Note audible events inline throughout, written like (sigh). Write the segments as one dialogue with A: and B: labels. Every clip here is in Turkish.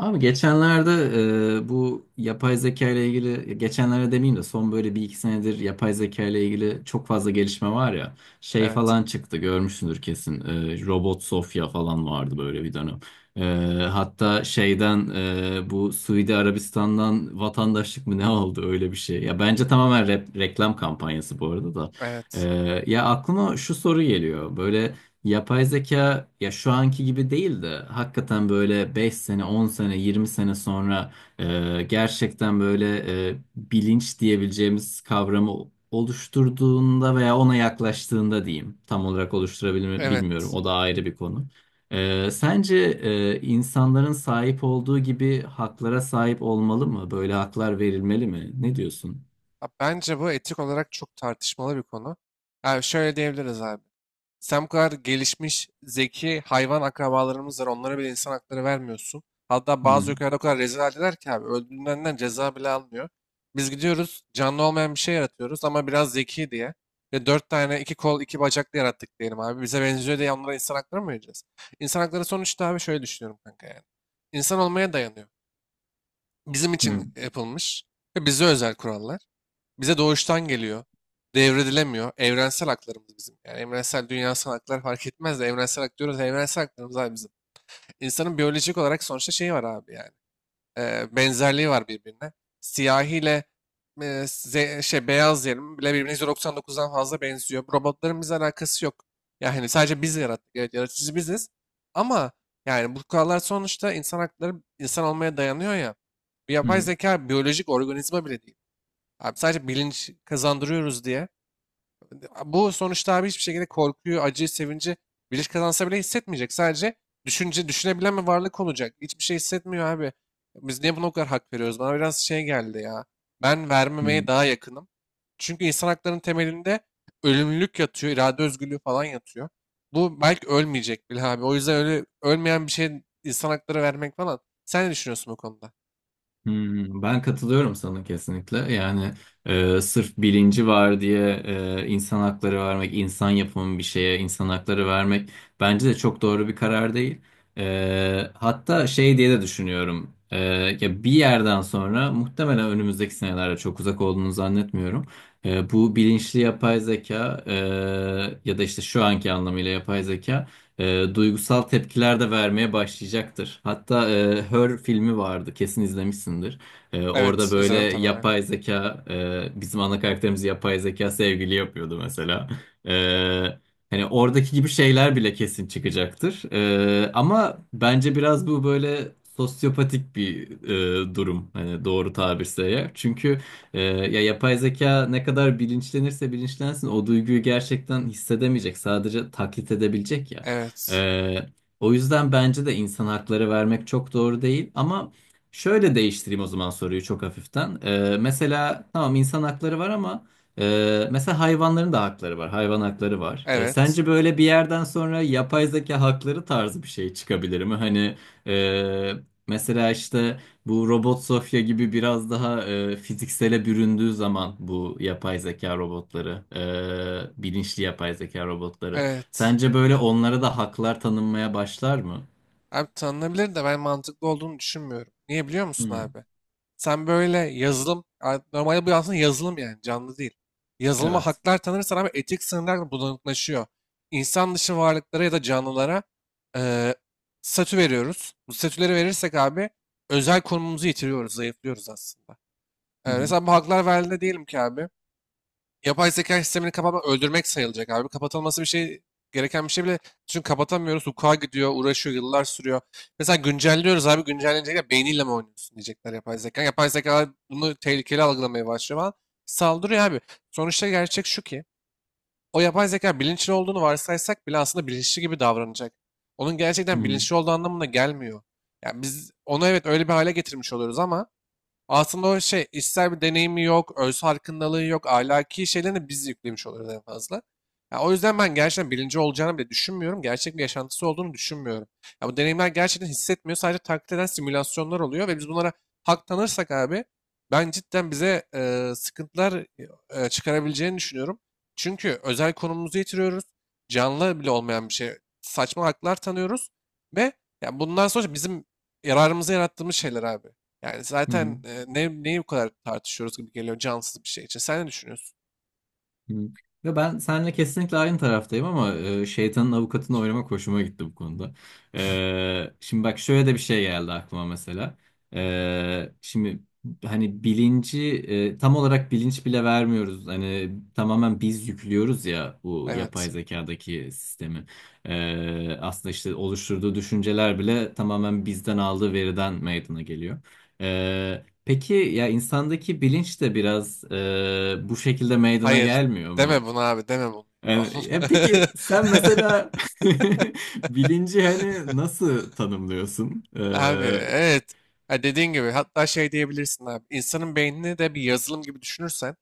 A: Abi geçenlerde bu yapay zeka ile ilgili geçenlerde demeyeyim de son böyle bir iki senedir yapay zeka ile ilgili çok fazla gelişme var ya şey
B: Evet,
A: falan çıktı görmüşsündür kesin. Robot Sofya falan vardı böyle bir dönem. E, Hatta şeyden bu Suudi Arabistan'dan vatandaşlık mı ne oldu öyle bir şey. Ya bence tamamen reklam kampanyası bu arada da. E,
B: evet,
A: Ya aklıma şu soru geliyor böyle. Yapay zeka ya şu anki gibi değil de hakikaten böyle 5 sene, 10 sene, 20 sene sonra gerçekten böyle bilinç diyebileceğimiz kavramı oluşturduğunda veya ona yaklaştığında diyeyim. Tam olarak oluşturabilir mi bilmiyorum.
B: evet.
A: O da ayrı bir konu. Sence insanların sahip olduğu gibi haklara sahip olmalı mı? Böyle haklar verilmeli mi? Ne diyorsun?
B: Ha, bence bu etik olarak çok tartışmalı bir konu. Yani şöyle diyebiliriz abi. Sen bu kadar gelişmiş, zeki hayvan akrabalarımız var. Onlara bile insan hakları vermiyorsun. Hatta bazı
A: Hı
B: ülkelerde o kadar rezil haldeler ki abi. Öldüğünden ceza bile almıyor. Biz gidiyoruz canlı olmayan bir şey yaratıyoruz ama biraz zeki diye. Ve dört tane iki kol iki bacaklı yarattık diyelim abi. Bize benziyor diye onlara insan hakları mı vereceğiz? İnsan hakları sonuçta abi şöyle düşünüyorum kanka yani. İnsan olmaya dayanıyor, bizim
A: hı
B: için yapılmış ve bize özel kurallar. Bize doğuştan geliyor. Devredilemiyor. Evrensel haklarımız bizim. Yani evrensel dünyasal haklar fark etmez de evrensel hak diyoruz. Evrensel haklarımız abi bizim. İnsanın biyolojik olarak sonuçta şeyi var abi yani benzerliği var birbirine. Siyahi ile şey, beyaz diyelim bile birbirine %99'dan fazla benziyor. Robotların bizle alakası yok. Yani hani sadece biz yarattık. Evet yaratıcı biziz. Ama yani bu kurallar sonuçta insan hakları insan olmaya dayanıyor ya. Bir yapay
A: hı
B: zeka biyolojik organizma bile değil. Abi sadece bilinç kazandırıyoruz diye. Bu sonuçta abi hiçbir şekilde korkuyu, acıyı, sevinci bilinç kazansa bile hissetmeyecek. Sadece düşünce, düşünebilen bir varlık olacak. Hiçbir şey hissetmiyor abi. Biz niye buna o kadar hak veriyoruz? Bana biraz şey geldi ya. Ben
A: hı.
B: vermemeye daha yakınım. Çünkü insan haklarının temelinde ölümlülük yatıyor, irade özgürlüğü falan yatıyor. Bu belki ölmeyecek bile abi. O yüzden öyle ölmeyen bir şey insan hakları vermek falan. Sen ne düşünüyorsun bu konuda?
A: Hmm, ben katılıyorum sana kesinlikle. Yani sırf bilinci var diye insan hakları vermek, insan yapımı bir şeye insan hakları vermek bence de çok doğru bir karar değil. Hatta şey diye de düşünüyorum. Ya bir yerden sonra muhtemelen önümüzdeki senelerde çok uzak olduğunu zannetmiyorum. Bu bilinçli yapay zeka ya da işte şu anki anlamıyla yapay zeka duygusal tepkiler de vermeye başlayacaktır. Hatta Her filmi vardı, kesin izlemişsindir. Orada
B: Evet,
A: böyle
B: izledim tabii. Aynen.
A: yapay zeka, bizim ana karakterimiz yapay zeka sevgili yapıyordu mesela. Hani oradaki gibi şeyler bile kesin çıkacaktır. Ama bence biraz bu böyle sosyopatik bir durum. Hani doğru tabirse eğer. Çünkü ya yapay zeka ne kadar bilinçlenirse bilinçlensin o duyguyu gerçekten hissedemeyecek. Sadece taklit edebilecek.
B: Evet,
A: ee, O yüzden bence de insan hakları vermek çok doğru değil. Ama şöyle değiştireyim o zaman soruyu çok hafiften. Mesela tamam insan hakları var ama mesela hayvanların da hakları var. Hayvan hakları var.
B: evet,
A: Sence böyle bir yerden sonra yapay zeka hakları tarzı bir şey çıkabilir mi? Hani e, mesela işte bu Robot Sofya gibi biraz daha fiziksele büründüğü zaman bu yapay zeka robotları, bilinçli yapay zeka robotları.
B: evet.
A: Sence böyle onlara da haklar tanınmaya başlar mı?
B: Abi tanınabilir de ben mantıklı olduğunu düşünmüyorum. Niye biliyor musun
A: Hı.
B: abi? Sen böyle yazılım, normalde bu aslında yazılım yani canlı değil. Yazılıma
A: Evet.
B: haklar tanırsan abi etik sınırlar da bulanıklaşıyor. İnsan dışı varlıklara ya da canlılara eee statü veriyoruz. Bu statüleri verirsek abi özel konumumuzu yitiriyoruz, zayıflıyoruz aslında.
A: Hı
B: Eee,
A: hı.
B: mesela bu haklar verildi diyelim ki abi. Yapay zeka sistemini kapatmak öldürmek sayılacak abi. Kapatılması bir şey gereken bir şey bile. Çünkü kapatamıyoruz. Hukuka gidiyor, uğraşıyor, yıllar sürüyor. Mesela güncelliyoruz abi. Güncellenecekler. Beyniyle mi oynuyorsun diyecekler yapay zeka. Yapay zeka bunu tehlikeli algılamaya başlıyor falan. Saldırıyor abi. Sonuçta gerçek şu ki o yapay zeka bilinçli olduğunu varsaysak bile aslında bilinçli gibi davranacak. Onun
A: Hı
B: gerçekten
A: hı.
B: bilinçli olduğu anlamına gelmiyor. Yani biz onu evet öyle bir hale getirmiş oluyoruz ama aslında o şey işsel bir deneyimi yok, öz farkındalığı yok, ahlaki şeylerini biz yüklemiş oluyoruz en fazla. Ya o yüzden ben gerçekten birinci olacağını bile düşünmüyorum. Gerçek bir yaşantısı olduğunu düşünmüyorum. Ya bu deneyimler gerçekten hissetmiyor. Sadece taklit eden simülasyonlar oluyor ve biz bunlara hak tanırsak abi ben cidden bize sıkıntılar çıkarabileceğini düşünüyorum. Çünkü özel konumumuzu yitiriyoruz. Canlı bile olmayan bir şey. Saçma haklar tanıyoruz ve ya bundan sonra bizim yararımıza yarattığımız şeyler abi. Yani
A: Hı hı.
B: zaten neyi bu kadar tartışıyoruz gibi geliyor cansız bir şey için. Sen ne düşünüyorsun?
A: Hı. Ya ben seninle kesinlikle aynı taraftayım ama şeytanın avukatını oynamak hoşuma gitti bu konuda. Şimdi bak şöyle de bir şey geldi aklıma mesela. Şimdi hani bilinci tam olarak bilinç bile vermiyoruz. Hani tamamen biz yüklüyoruz ya bu yapay
B: Evet.
A: zekadaki sistemi. Aslında işte oluşturduğu düşünceler bile tamamen bizden aldığı veriden meydana geliyor. E, Peki ya insandaki bilinç de biraz bu şekilde meydana
B: Hayır.
A: gelmiyor
B: Deme
A: mu?
B: bunu abi, deme bunu. (laughs)
A: Yani,
B: Allah.
A: peki sen mesela (laughs) bilinci hani
B: (laughs)
A: nasıl tanımlıyorsun?
B: Abi evet. Ha, dediğin gibi hatta şey diyebilirsin abi. İnsanın beynini de bir yazılım gibi düşünürsen,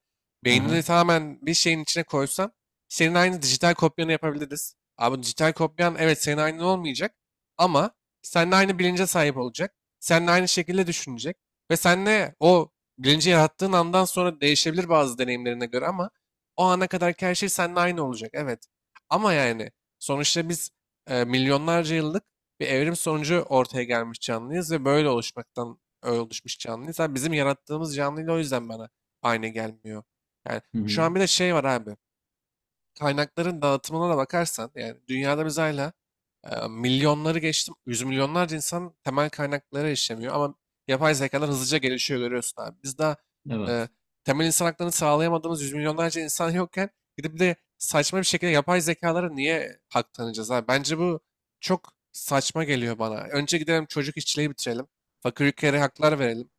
B: beynini
A: Aha,
B: tamamen bir şeyin içine koysan, senin aynı dijital kopyanı yapabiliriz. Abi dijital kopyan evet senin aynın olmayacak ama seninle aynı bilince sahip olacak. Seninle aynı şekilde düşünecek ve seninle o bilinci yarattığın andan sonra değişebilir bazı deneyimlerine göre ama o ana kadarki her şey seninle aynı olacak. Evet. Ama yani sonuçta biz milyonlarca yıllık bir evrim sonucu ortaya gelmiş canlıyız ve böyle oluşmaktan oluşmuş canlıyız. Abi bizim yarattığımız canlıyla o yüzden bana aynı gelmiyor. Yani
A: hı
B: şu
A: hı,
B: an bir de şey var abi kaynakların dağıtımına da bakarsan yani dünyada biz hala milyonları geçtim. Yüz milyonlarca insan temel kaynaklara erişemiyor ama yapay zekalar hızlıca gelişiyor görüyorsun abi. Biz daha e,
A: evet.
B: temel insan haklarını sağlayamadığımız yüz milyonlarca insan yokken gidip de saçma bir şekilde yapay zekalara niye hak tanıyacağız abi? Bence bu çok saçma geliyor bana. Önce gidelim çocuk işçiliği bitirelim. Fakir ülkelere haklar verelim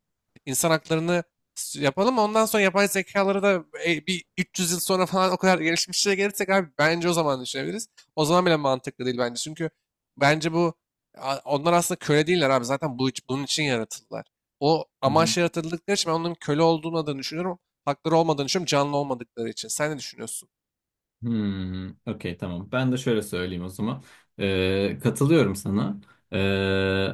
B: insan haklarını yapalım. Ondan sonra yapay zekaları da bir 300 yıl sonra falan o kadar gelişmişlere gelirsek abi bence o zaman düşünebiliriz. O zaman bile mantıklı değil bence. Çünkü bence bu onlar aslında köle değiller abi. Zaten bunun için yaratıldılar. O amaç yaratıldıkları için ben onların köle olduğunu adını düşünüyorum. Hakları olmadığını düşünüyorum. Canlı olmadıkları için. Sen ne düşünüyorsun?
A: Hmm, okey tamam. Ben de şöyle söyleyeyim o zaman. Katılıyorum sana. Ee,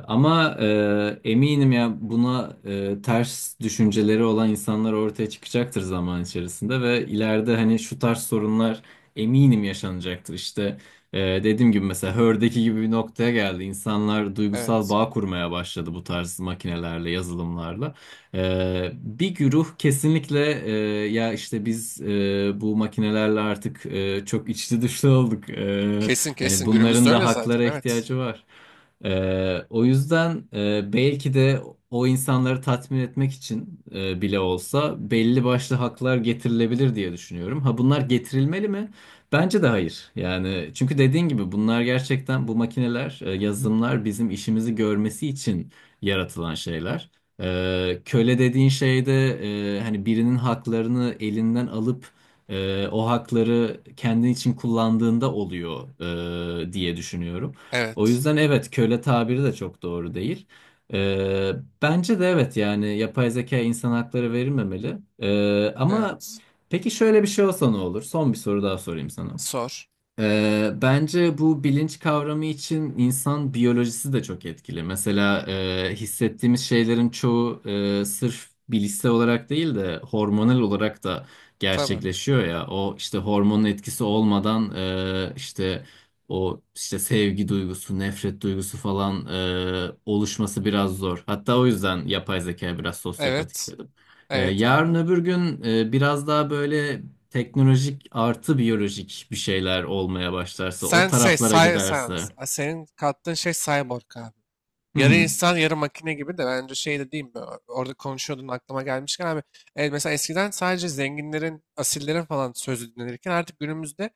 A: Ama eminim ya buna ters düşünceleri olan insanlar ortaya çıkacaktır zaman içerisinde ve ileride hani şu tarz sorunlar eminim yaşanacaktır. İşte e, dediğim gibi mesela Hör'deki gibi bir noktaya geldi. İnsanlar duygusal
B: Evet.
A: bağ kurmaya başladı bu tarz makinelerle, yazılımlarla. Bir güruh kesinlikle ya işte biz bu makinelerle artık çok içli dışlı olduk.
B: Kesin
A: Yani
B: kesin. Günümüzde
A: bunların da
B: öyle zaten.
A: haklara
B: Evet.
A: ihtiyacı var. O yüzden belki de o insanları tatmin etmek için bile olsa belli başlı haklar getirilebilir diye düşünüyorum. Ha bunlar getirilmeli mi? Bence de hayır. Yani çünkü dediğin gibi bunlar gerçekten bu makineler, yazılımlar bizim işimizi görmesi için yaratılan şeyler. Köle dediğin şey de hani birinin haklarını elinden alıp o hakları kendin için kullandığında oluyor diye düşünüyorum. O
B: Evet.
A: yüzden evet köle tabiri de çok doğru değil. Ee, Bence de evet yani yapay zeka insan hakları verilmemeli. Ama
B: Evet.
A: peki şöyle bir şey olsa ne olur? Son bir soru daha sorayım sana.
B: Sor.
A: Bence bu bilinç kavramı için insan biyolojisi de çok etkili. Mesela hissettiğimiz şeylerin çoğu sırf bilişsel olarak değil de hormonal olarak da
B: Tabii.
A: gerçekleşiyor ya. O işte hormonun etkisi olmadan işte o işte sevgi duygusu, nefret duygusu falan oluşması biraz zor. Hatta o yüzden yapay zeka biraz sosyopatik
B: Evet.
A: dedim.
B: Evet
A: Yarın
B: abi.
A: öbür gün biraz daha böyle teknolojik artı biyolojik bir şeyler olmaya başlarsa, o
B: Sen şey
A: taraflara
B: say,
A: giderse.
B: senin kattığın şey cyborg abi.
A: Hı
B: Yarı
A: hı.
B: insan yarı makine gibi de bence şey de değil mi? Orada konuşuyordun aklıma gelmişken abi. Mesela eskiden sadece zenginlerin, asillerin falan sözü dinlenirken artık günümüzde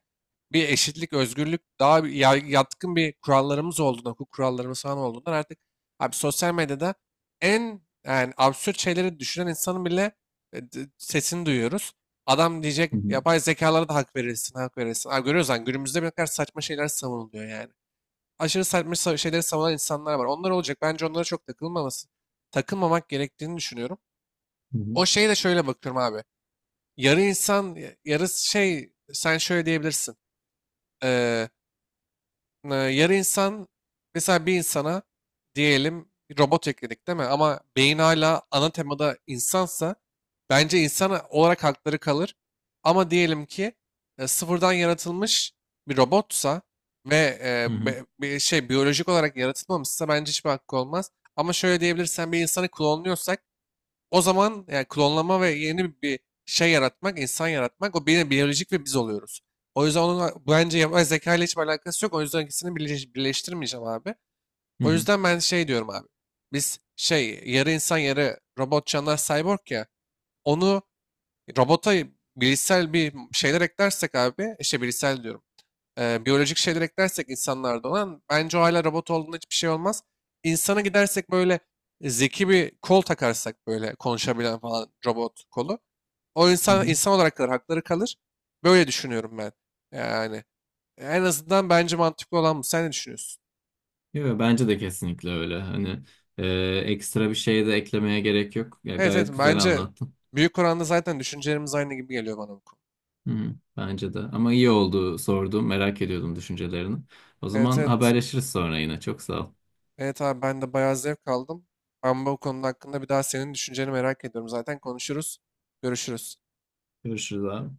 B: bir eşitlik, özgürlük, daha bir yatkın bir kurallarımız olduğundan, hukuk kurallarımız falan olduğundan artık abi sosyal medyada en yani absürt şeyleri düşünen insanın bile sesini duyuyoruz. Adam diyecek
A: Hı hı.
B: yapay zekalara da hak verilsin, hak verilsin. Abi görüyoruz lan günümüzde bir ne kadar saçma şeyler savunuluyor yani. Aşırı saçma şeyleri savunan insanlar var. Onlar olacak. Bence onlara çok takılmaması, takılmamak gerektiğini düşünüyorum.
A: Hı hı.
B: O şeye de şöyle bakıyorum abi. Yarı insan, yarı şey sen şöyle diyebilirsin. Yarı insan mesela bir insana diyelim bir robot ekledik değil mi? Ama beyin hala ana temada insansa bence insan olarak hakları kalır. Ama diyelim ki sıfırdan yaratılmış bir robotsa ve
A: Hı hı.
B: bir şey biyolojik olarak yaratılmamışsa bence hiçbir hakkı olmaz. Ama şöyle diyebilirsen bir insanı klonluyorsak o zaman yani klonlama ve yeni bir şey yaratmak, insan yaratmak o yine biyolojik ve biz oluyoruz. O yüzden onun bence yapay zeka ile hiçbir alakası yok. O yüzden ikisini birleştirmeyeceğim abi.
A: Hı
B: O
A: hı.
B: yüzden ben şey diyorum abi. Biz şey yarı insan yarı robot canlar cyborg ya. Onu robota bilişsel bir şeyler eklersek abi işte bilişsel diyorum biyolojik şeyler eklersek insanlarda olan bence o hala robot olduğunda hiçbir şey olmaz. İnsana gidersek böyle zeki bir kol takarsak böyle konuşabilen falan robot kolu. O
A: Hı
B: insan
A: hı.
B: insan olarak kalır, hakları kalır. Böyle düşünüyorum ben. Yani en azından bence mantıklı olan bu. Sen ne düşünüyorsun?
A: Yo, bence de kesinlikle öyle. Hani e, ekstra bir şey de eklemeye gerek yok. Ya
B: Evet evet
A: gayet güzel
B: bence
A: anlattın.
B: büyük oranda zaten düşüncelerimiz aynı gibi geliyor bana bu konu.
A: Hı hı. Bence de. Ama iyi oldu sordum. Merak ediyordum düşüncelerini. O
B: Evet
A: zaman
B: evet.
A: haberleşiriz sonra yine. Çok sağ ol.
B: Evet abi ben de bayağı zevk aldım. Ama bu konu hakkında bir daha senin düşünceni merak ediyorum. Zaten konuşuruz. Görüşürüz.
A: Görüşürüz abi.